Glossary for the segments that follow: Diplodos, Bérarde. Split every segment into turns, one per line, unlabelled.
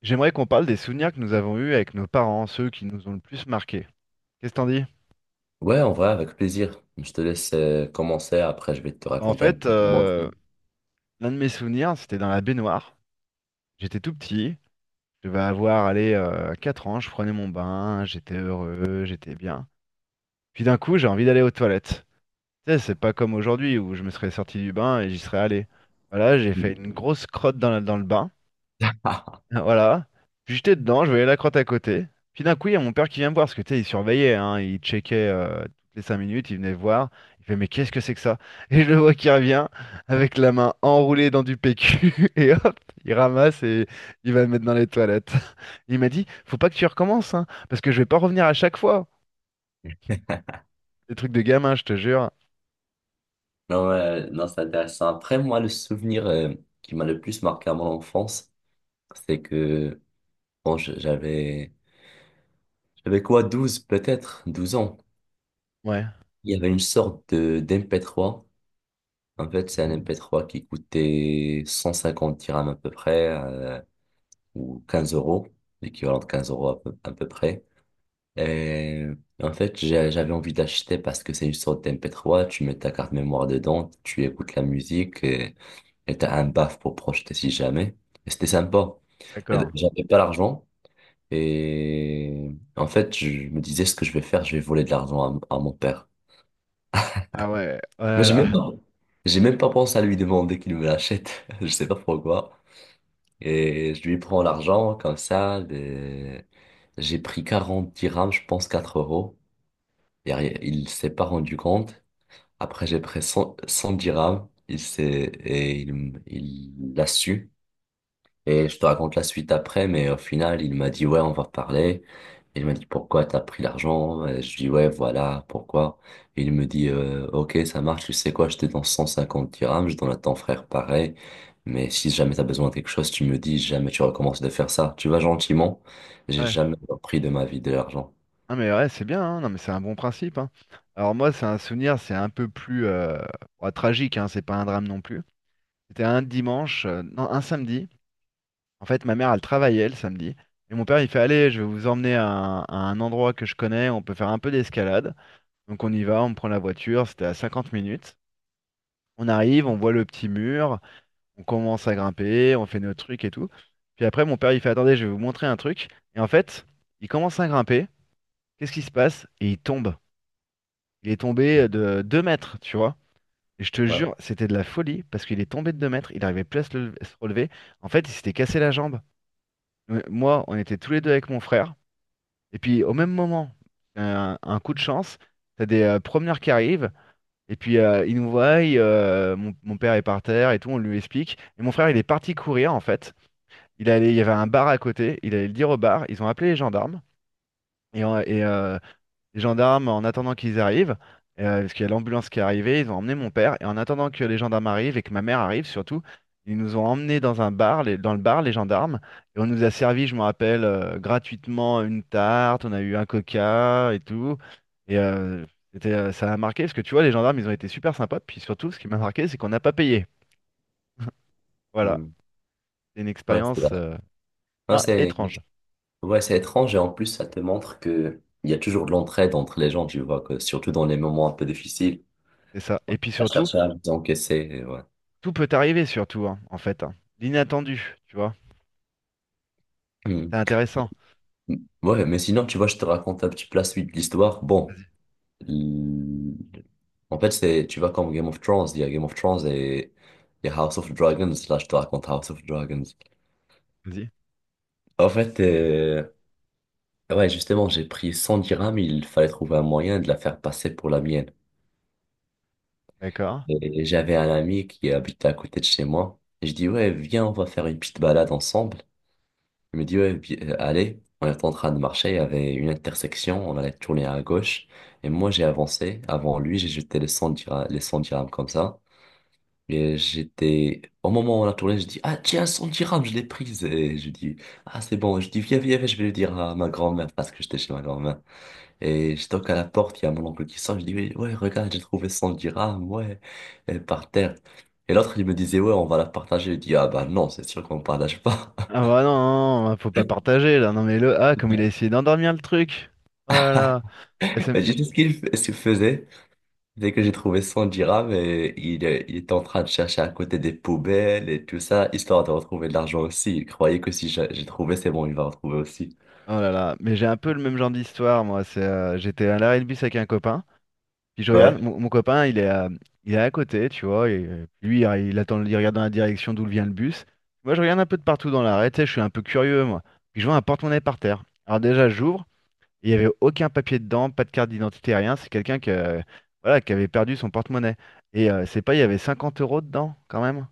J'aimerais qu'on parle des souvenirs que nous avons eus avec nos parents, ceux qui nous ont le plus marqués. Qu'est-ce que t'en dis?
Ouais, en vrai, avec plaisir. Je te laisse commencer, après je vais te
Bah, En
raconter un
fait,
peu mon
euh,
trip.
L'un de mes souvenirs, c'était dans la baignoire. J'étais tout petit, je devais avoir allez, 4 ans, je prenais mon bain, j'étais heureux, j'étais bien. Puis d'un coup, j'ai envie d'aller aux toilettes. Tu sais, c'est pas comme aujourd'hui où je me serais sorti du bain et j'y serais allé. Voilà, j'ai fait une grosse crotte dans le bain. Voilà. Puis j'étais dedans, je voyais la crotte à côté. Puis d'un coup, il y a mon père qui vient me voir, parce que tu sais, il surveillait, hein, il checkait toutes les 5 minutes, il venait voir. Il fait, mais qu'est-ce que c'est que ça? Et je le vois qui revient avec la main enroulée dans du PQ, et hop, il ramasse et il va le mettre dans les toilettes. Il m'a dit, faut pas que tu recommences, hein, parce que je vais pas revenir à chaque fois. Des trucs de gamin, je te jure.
Non, non, c'est intéressant. Après, moi, le souvenir qui m'a le plus marqué à mon enfance, c'est que bon, j'avais quoi, 12 peut-être, 12 ans.
Ouais,
Il y avait une sorte de d'MP3. En fait, c'est un MP3 qui coûtait 150 dirhams à peu près, ou 15 euros, l'équivalent de 15 euros à peu près. Euh, en fait, j'avais envie d'acheter parce que c'est une sorte dmp trois. Tu mets ta carte mémoire dedans, tu écoutes la musique et t'as un baf pour projeter si jamais. Et c'était sympa. Et
d'accord.
j'avais pas l'argent et en fait, je me disais ce que je vais faire, je vais voler de l'argent à mon père.
Ah ouais,
Moi, j'ai même
voilà.
pas, j'ai même pas pensé à lui demander qu'il me l'achète. Je sais pas pourquoi. Et je lui prends l'argent comme ça. J'ai pris 40 dirhams, je pense 4 euros. Derrière, il s'est pas rendu compte. Après, j'ai pris 100, 100 dirhams. Il s'est, et il l'a su. Et je te raconte la suite après, mais au final, il m'a dit, ouais, on va parler. Il m'a dit, pourquoi t'as pris l'argent? Et je dis, ouais, voilà, pourquoi? Et il me dit, ok, ça marche, tu sais quoi, je te donne 150 dirhams, je donne à ton frère pareil. Mais si jamais t'as besoin de quelque chose, tu me dis. Si jamais tu recommences de faire ça. Tu vas gentiment. J'ai
Ouais.
jamais repris de ma vie de l'argent.
Non mais ouais, c'est bien, hein. Non mais c'est un bon principe, hein. Alors moi, c'est un souvenir, c'est un peu plus bah, tragique, hein, c'est pas un drame non plus. C'était un dimanche, non, un samedi. En fait, ma mère, elle travaillait le samedi. Et mon père, il fait, allez, je vais vous emmener à un endroit que je connais, on peut faire un peu d'escalade. Donc on y va, on prend la voiture, c'était à 50 minutes. On arrive, on voit le petit mur, on commence à grimper, on fait nos trucs et tout. Puis après, mon père, il fait, attendez, je vais vous montrer un truc. Et en fait, il commence à grimper, qu'est-ce qui se passe? Et il tombe. Il est tombé de 2 mètres, tu vois. Et je te
Ouais.
jure, c'était de la folie parce qu'il est tombé de 2 mètres, il n'arrivait plus se relever. En fait, il s'était cassé la jambe. Moi, on était tous les deux avec mon frère. Et puis, au même moment, un coup de chance, t'as des promeneurs qui arrivent. Et puis, ils nous voient, mon père est par terre et tout, on lui explique. Et mon frère, il est parti courir, en fait. Il allait, il y avait un bar à côté, il allait le dire au bar. Ils ont appelé les gendarmes. Et, on- et, euh, Les gendarmes, en attendant qu'ils arrivent, parce qu'il y a l'ambulance qui est arrivée, ils ont emmené mon père. Et en attendant que les gendarmes arrivent et que ma mère arrive surtout, ils nous ont emmenés dans un bar, dans le bar, les gendarmes. Et on nous a servi, je me rappelle, gratuitement une tarte, on a eu un coca et tout. Et euh, c'était, ça a marqué, parce que tu vois, les gendarmes, ils ont été super sympas. Puis surtout, ce qui m'a marqué, c'est qu'on n'a pas payé. Voilà,
Hmm.
c'est une
Ouais, c'est là.
expérience
Ouais, c'est
étrange.
Ouais, c'est étrange et en plus, ça te montre que il y a toujours de l'entraide entre les gens, tu vois, que surtout dans les moments un peu difficiles,
C'est ça. Et puis
à
surtout,
chercher à les encaisser, ouais.
tout peut arriver, surtout, hein, en fait. Hein. L'inattendu, tu vois.
Hmm.
C'est intéressant.
Ouais, mais sinon, tu vois, je te raconte un petit peu la suite de l'histoire. Bon,
Vas-y,
l- en fait, c'est, tu vois, comme Game of Thrones, il y a Game of Thrones et il y a House of Dragons. Là, je te raconte House of Dragons.
vas-y.
En fait, ouais, justement, j'ai pris 100 dirhams, il fallait trouver un moyen de la faire passer pour la mienne.
D'accord.
Et j'avais un ami qui habitait à côté de chez moi. Et je dis, ouais, viens, on va faire une petite balade ensemble. Il me dit, ouais, allez. On était en train de marcher, il y avait une intersection, on allait tourner à gauche. Et moi, j'ai avancé avant lui, j'ai jeté les 100 dirhams, les 100 dirhams comme ça. Et j'étais, au moment où on a tourné, je dis, ah, tiens, 100 dirhams, je l'ai prise. Et je dis, ah, c'est bon. Je dis, viens, viens, viens, je vais le dire à ma grand-mère parce que j'étais chez ma grand-mère. Et je toque à la porte, il y a mon oncle qui sort, je dis, oui, ouais, regarde, j'ai trouvé 100 dirhams, ouais, et par terre. Et l'autre, il me disait, ouais, on va la partager. Je dis, ah bah non, c'est sûr qu'on partage pas.
Ah bah non, non, non, bah, faut pas partager là. Non mais le ah comme il a essayé d'endormir le truc. Oh là là. Ah, ça me-
Mais j'ai dit ce qu'il ce qu'il faisait, dès que j'ai trouvé 100 dirhams, et il était en train de chercher à côté des poubelles et tout ça, histoire de retrouver de l'argent aussi. Il croyait que si j'ai trouvé, c'est bon, il va retrouver aussi.
Oh là là. Mais j'ai un peu le même genre d'histoire moi. C'est j'étais à l'arrêt de bus avec un copain. Puis je
Ouais.
regarde mon copain, il est à côté, tu vois. Et lui, il attend, il regarde dans la direction d'où vient le bus. Moi, je regarde un peu de partout dans l'arrêt. Tu sais, je suis un peu curieux moi. Puis je vois un porte-monnaie par terre. Alors déjà, j'ouvre. Il n'y avait aucun papier dedans, pas de carte d'identité, rien. C'est quelqu'un qui, voilà, qui avait perdu son porte-monnaie. Et c'est pas, il y avait 50 euros dedans, quand même.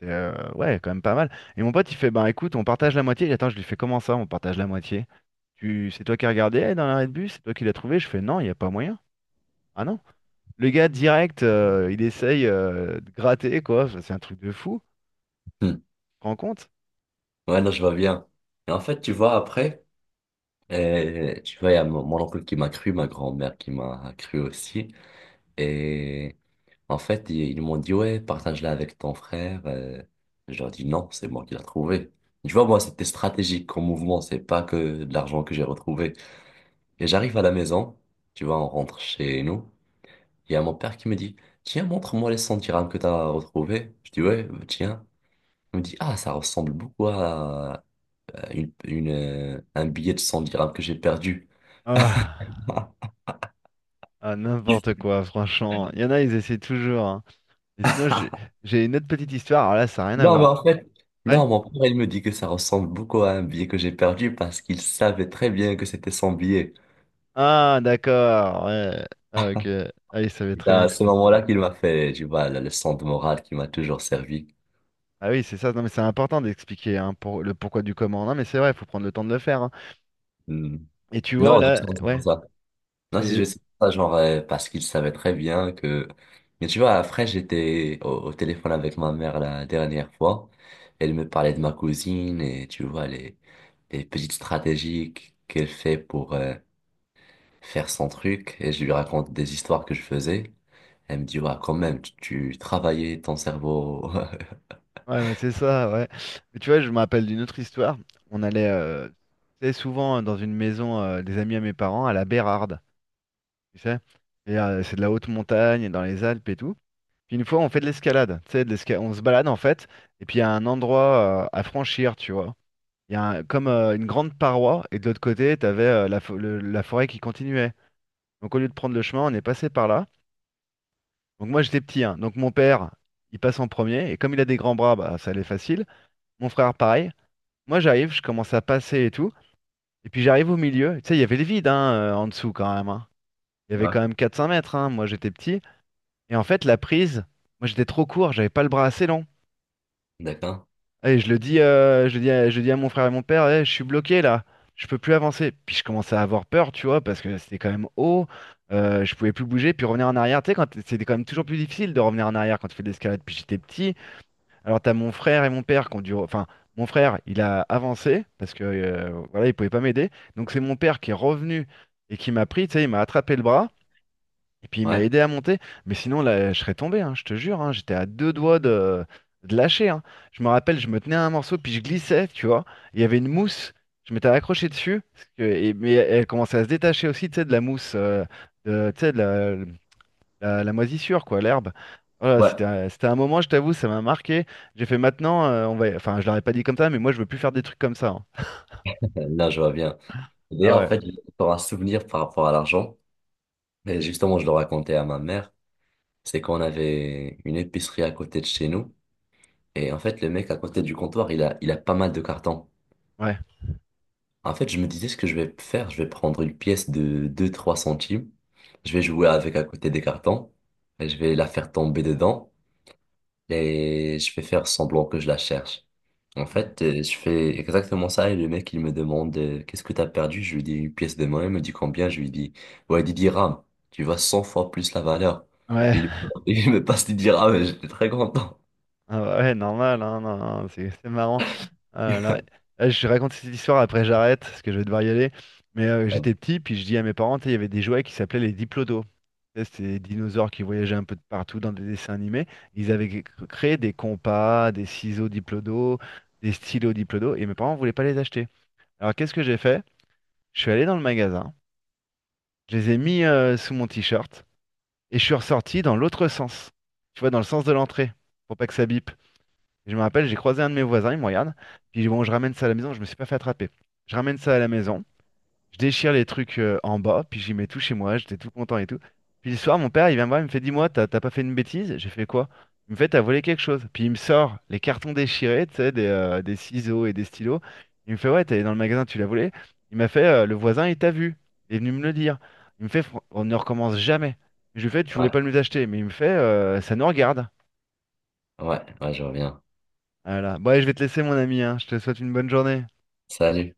C'est, ouais, quand même pas mal. Et mon pote, il fait, ben écoute, on partage la moitié. Et attends, je lui fais, comment ça, on partage la moitié? C'est toi qui as regardé dans l'arrêt de bus? C'est toi qui l'as trouvé? Je fais, non, il n'y a pas moyen. Ah non? Le gars, direct, il essaye de gratter, quoi. Enfin, c'est un truc de fou. Tu
Hmm.
te rends compte?
Ouais, non, je vois bien. Et en fait, tu vois, après, tu vois, il y a mon oncle qui m'a cru, ma grand-mère qui m'a cru aussi. Et en fait, ils m'ont dit, ouais, partage-la avec ton frère. Je leur ai dit, non, c'est moi qui l'ai trouvé. Tu vois, moi, c'était stratégique comme mouvement, c'est pas que de l'argent que j'ai retrouvé. Et j'arrive à la maison, tu vois, on rentre chez nous. Il y a mon père qui me dit, tiens, montre-moi les 100 dirhams que t'as retrouvés. Je dis, ouais, tiens. Il me dit, ah, ça ressemble beaucoup à un billet de 100 dirhams que j'ai perdu.
Ah, ah, n'importe quoi, franchement. Il y en a, ils essaient toujours. Hein. Et sinon, j'ai une autre petite histoire. Alors là, ça n'a rien à
Non, mais
voir.
en fait,
Ouais?
non, mon père, il me dit que ça ressemble beaucoup à un billet que j'ai perdu parce qu'il savait très bien que c'était son billet.
Ah, d'accord. Ouais. Ah, ok. Ah, il savait
C'est
très bien
à
que
ce
c'était Sommelier.
moment-là qu'il m'a fait, tu vois, la leçon de morale qui m'a toujours servi.
Ah oui, c'est ça. Non, mais c'est important d'expliquer hein, pour le pourquoi du comment. Non, mais c'est vrai, il faut prendre le temps de le faire. Hein.
Hmm.
Et tu vois,
Non,
là,
je sais pas
ouais.
ça. Non, c'est
Et...
juste ça, genre, parce qu'il savait très bien que. Mais tu vois, après, j'étais au téléphone avec ma mère la dernière fois. Elle me parlait de ma cousine et tu vois, les petites stratégies qu'elle fait pour faire son truc. Et je lui raconte des histoires que je faisais. Elle me dit, ouais, quand même, tu travaillais ton cerveau.
Ouais, ouais, c'est ça, ouais. Mais tu vois, je me rappelle d'une autre histoire. On allait tu sais, souvent dans une maison des amis à mes parents, à la Bérarde, tu sais. Et c'est de la haute montagne, dans les Alpes et tout. Puis une fois, on fait de l'escalade, tu sais, on se balade en fait. Et puis il y a un endroit à franchir, tu vois. Il y a un- Comme une grande paroi, et de l'autre côté, tu avais la forêt qui continuait. Donc au lieu de prendre le chemin, on est passé par là. Donc moi j'étais petit, hein. Donc mon père, il passe en premier, et comme il a des grands bras, bah, ça allait facile. Mon frère, pareil. Moi j'arrive, je commence à passer et tout. Et puis j'arrive au milieu. Tu sais, il y avait le vide hein, en dessous quand même. Hein. Il y avait
Ouais.
quand même quatre cinq mètres. Hein. Moi j'étais petit. Et en fait, la prise, moi j'étais trop court, j'avais pas le bras assez long.
D'accord?
Et je le dis, je dis à mon frère et mon père, eh, je suis bloqué là, je peux plus avancer. Puis je commençais à avoir peur, tu vois, parce que c'était quand même haut, je pouvais plus bouger, puis revenir en arrière. Tu sais, c'était quand même toujours plus difficile de revenir en arrière quand tu fais de l'escalade. Puis j'étais petit. Alors t'as mon frère et mon père qui ont dû, mon frère, il a avancé parce que voilà, il pouvait pas m'aider. Donc c'est mon père qui est revenu et qui m'a pris, tu sais, il m'a attrapé le bras. Et puis il m'a
Ouais.
aidé à monter, mais sinon là, je serais tombé, hein, je te jure, hein, j'étais à deux doigts de lâcher. Hein. Je me rappelle, je me tenais à un morceau, puis je glissais, tu vois. Il y avait une mousse, je m'étais accroché dessus, mais elle commençait à se détacher aussi, tu sais, de la mousse, de, tu sais, de la, la- la moisissure, quoi, l'herbe. Voilà,
Ouais.
c'était, c'était un moment, je t'avoue, ça m'a marqué. J'ai fait maintenant, on va, enfin, je l'aurais pas dit comme ça, mais moi, je veux plus faire des trucs comme ça. Hein.
Là, je vois bien.
Ah
D'ailleurs, en
ouais,
fait, j'ai encore un souvenir par rapport à l'argent. Et justement, je le racontais à ma mère. C'est qu'on avait une épicerie à côté de chez nous. Et en fait, le mec à côté du comptoir, il a pas mal de cartons.
ouais,
En fait, je me disais ce que je vais faire. Je vais prendre une pièce de deux trois centimes. Je vais jouer avec à côté des cartons. Et je vais la faire tomber dedans. Et je vais faire semblant que je la cherche. En fait, je fais exactement ça et le mec, il me demande qu'est-ce que t'as perdu? Je lui dis une pièce de monnaie, il me dit combien? Je lui dis, ouais, 10 dirhams. Tu vois 100 fois plus la valeur. Et
ouais,
il, me il me passe 10 dirhams et j'étais très content.
ah ouais, normal, hein, non, non, c'est marrant. Ah là là. Ah, je raconte cette histoire, après j'arrête, parce que je vais devoir y aller. Mais j'étais petit, puis je dis à mes parents, tu sais, il y avait des jouets qui s'appelaient les Diplodos. Tu sais, c'était des dinosaures qui voyageaient un peu de partout dans des dessins animés. Ils avaient cré- créé des compas, des ciseaux Diplodos, des stylos Diplodos, et mes parents voulaient pas les acheter. Alors qu'est-ce que j'ai fait? Je suis allé dans le magasin, je les ai mis sous mon t-shirt, et je suis ressorti dans l'autre sens. Tu vois, dans le sens de l'entrée, pour pas que ça bip. Et je me rappelle, j'ai croisé un de mes voisins, il me regarde, puis bon, je ramène ça à la maison, je me suis pas fait attraper. Je ramène ça à la maison, je déchire les trucs en bas, puis j'y mets tout chez moi, j'étais tout content et tout. Puis le soir, mon père, il vient me voir, il me fait, dis-moi, t'as pas fait une bêtise? J'ai fait quoi? Il me fait, t'as volé quelque chose. Puis il me sort les cartons déchirés, tu sais, des ciseaux et des stylos. Il me fait, ouais, t'es allé dans le magasin, tu l'as volé. Il m'a fait, le voisin, il t'a vu. Il est venu me le dire. Il me fait, on ne recommence jamais. Je lui fais, tu voulais
Ouais,
pas nous acheter, mais il me fait, ça nous regarde.
ouais, ouais, je reviens.
Voilà. Bon, allez, je vais te laisser, mon ami, hein. Je te souhaite une bonne journée.
Salut.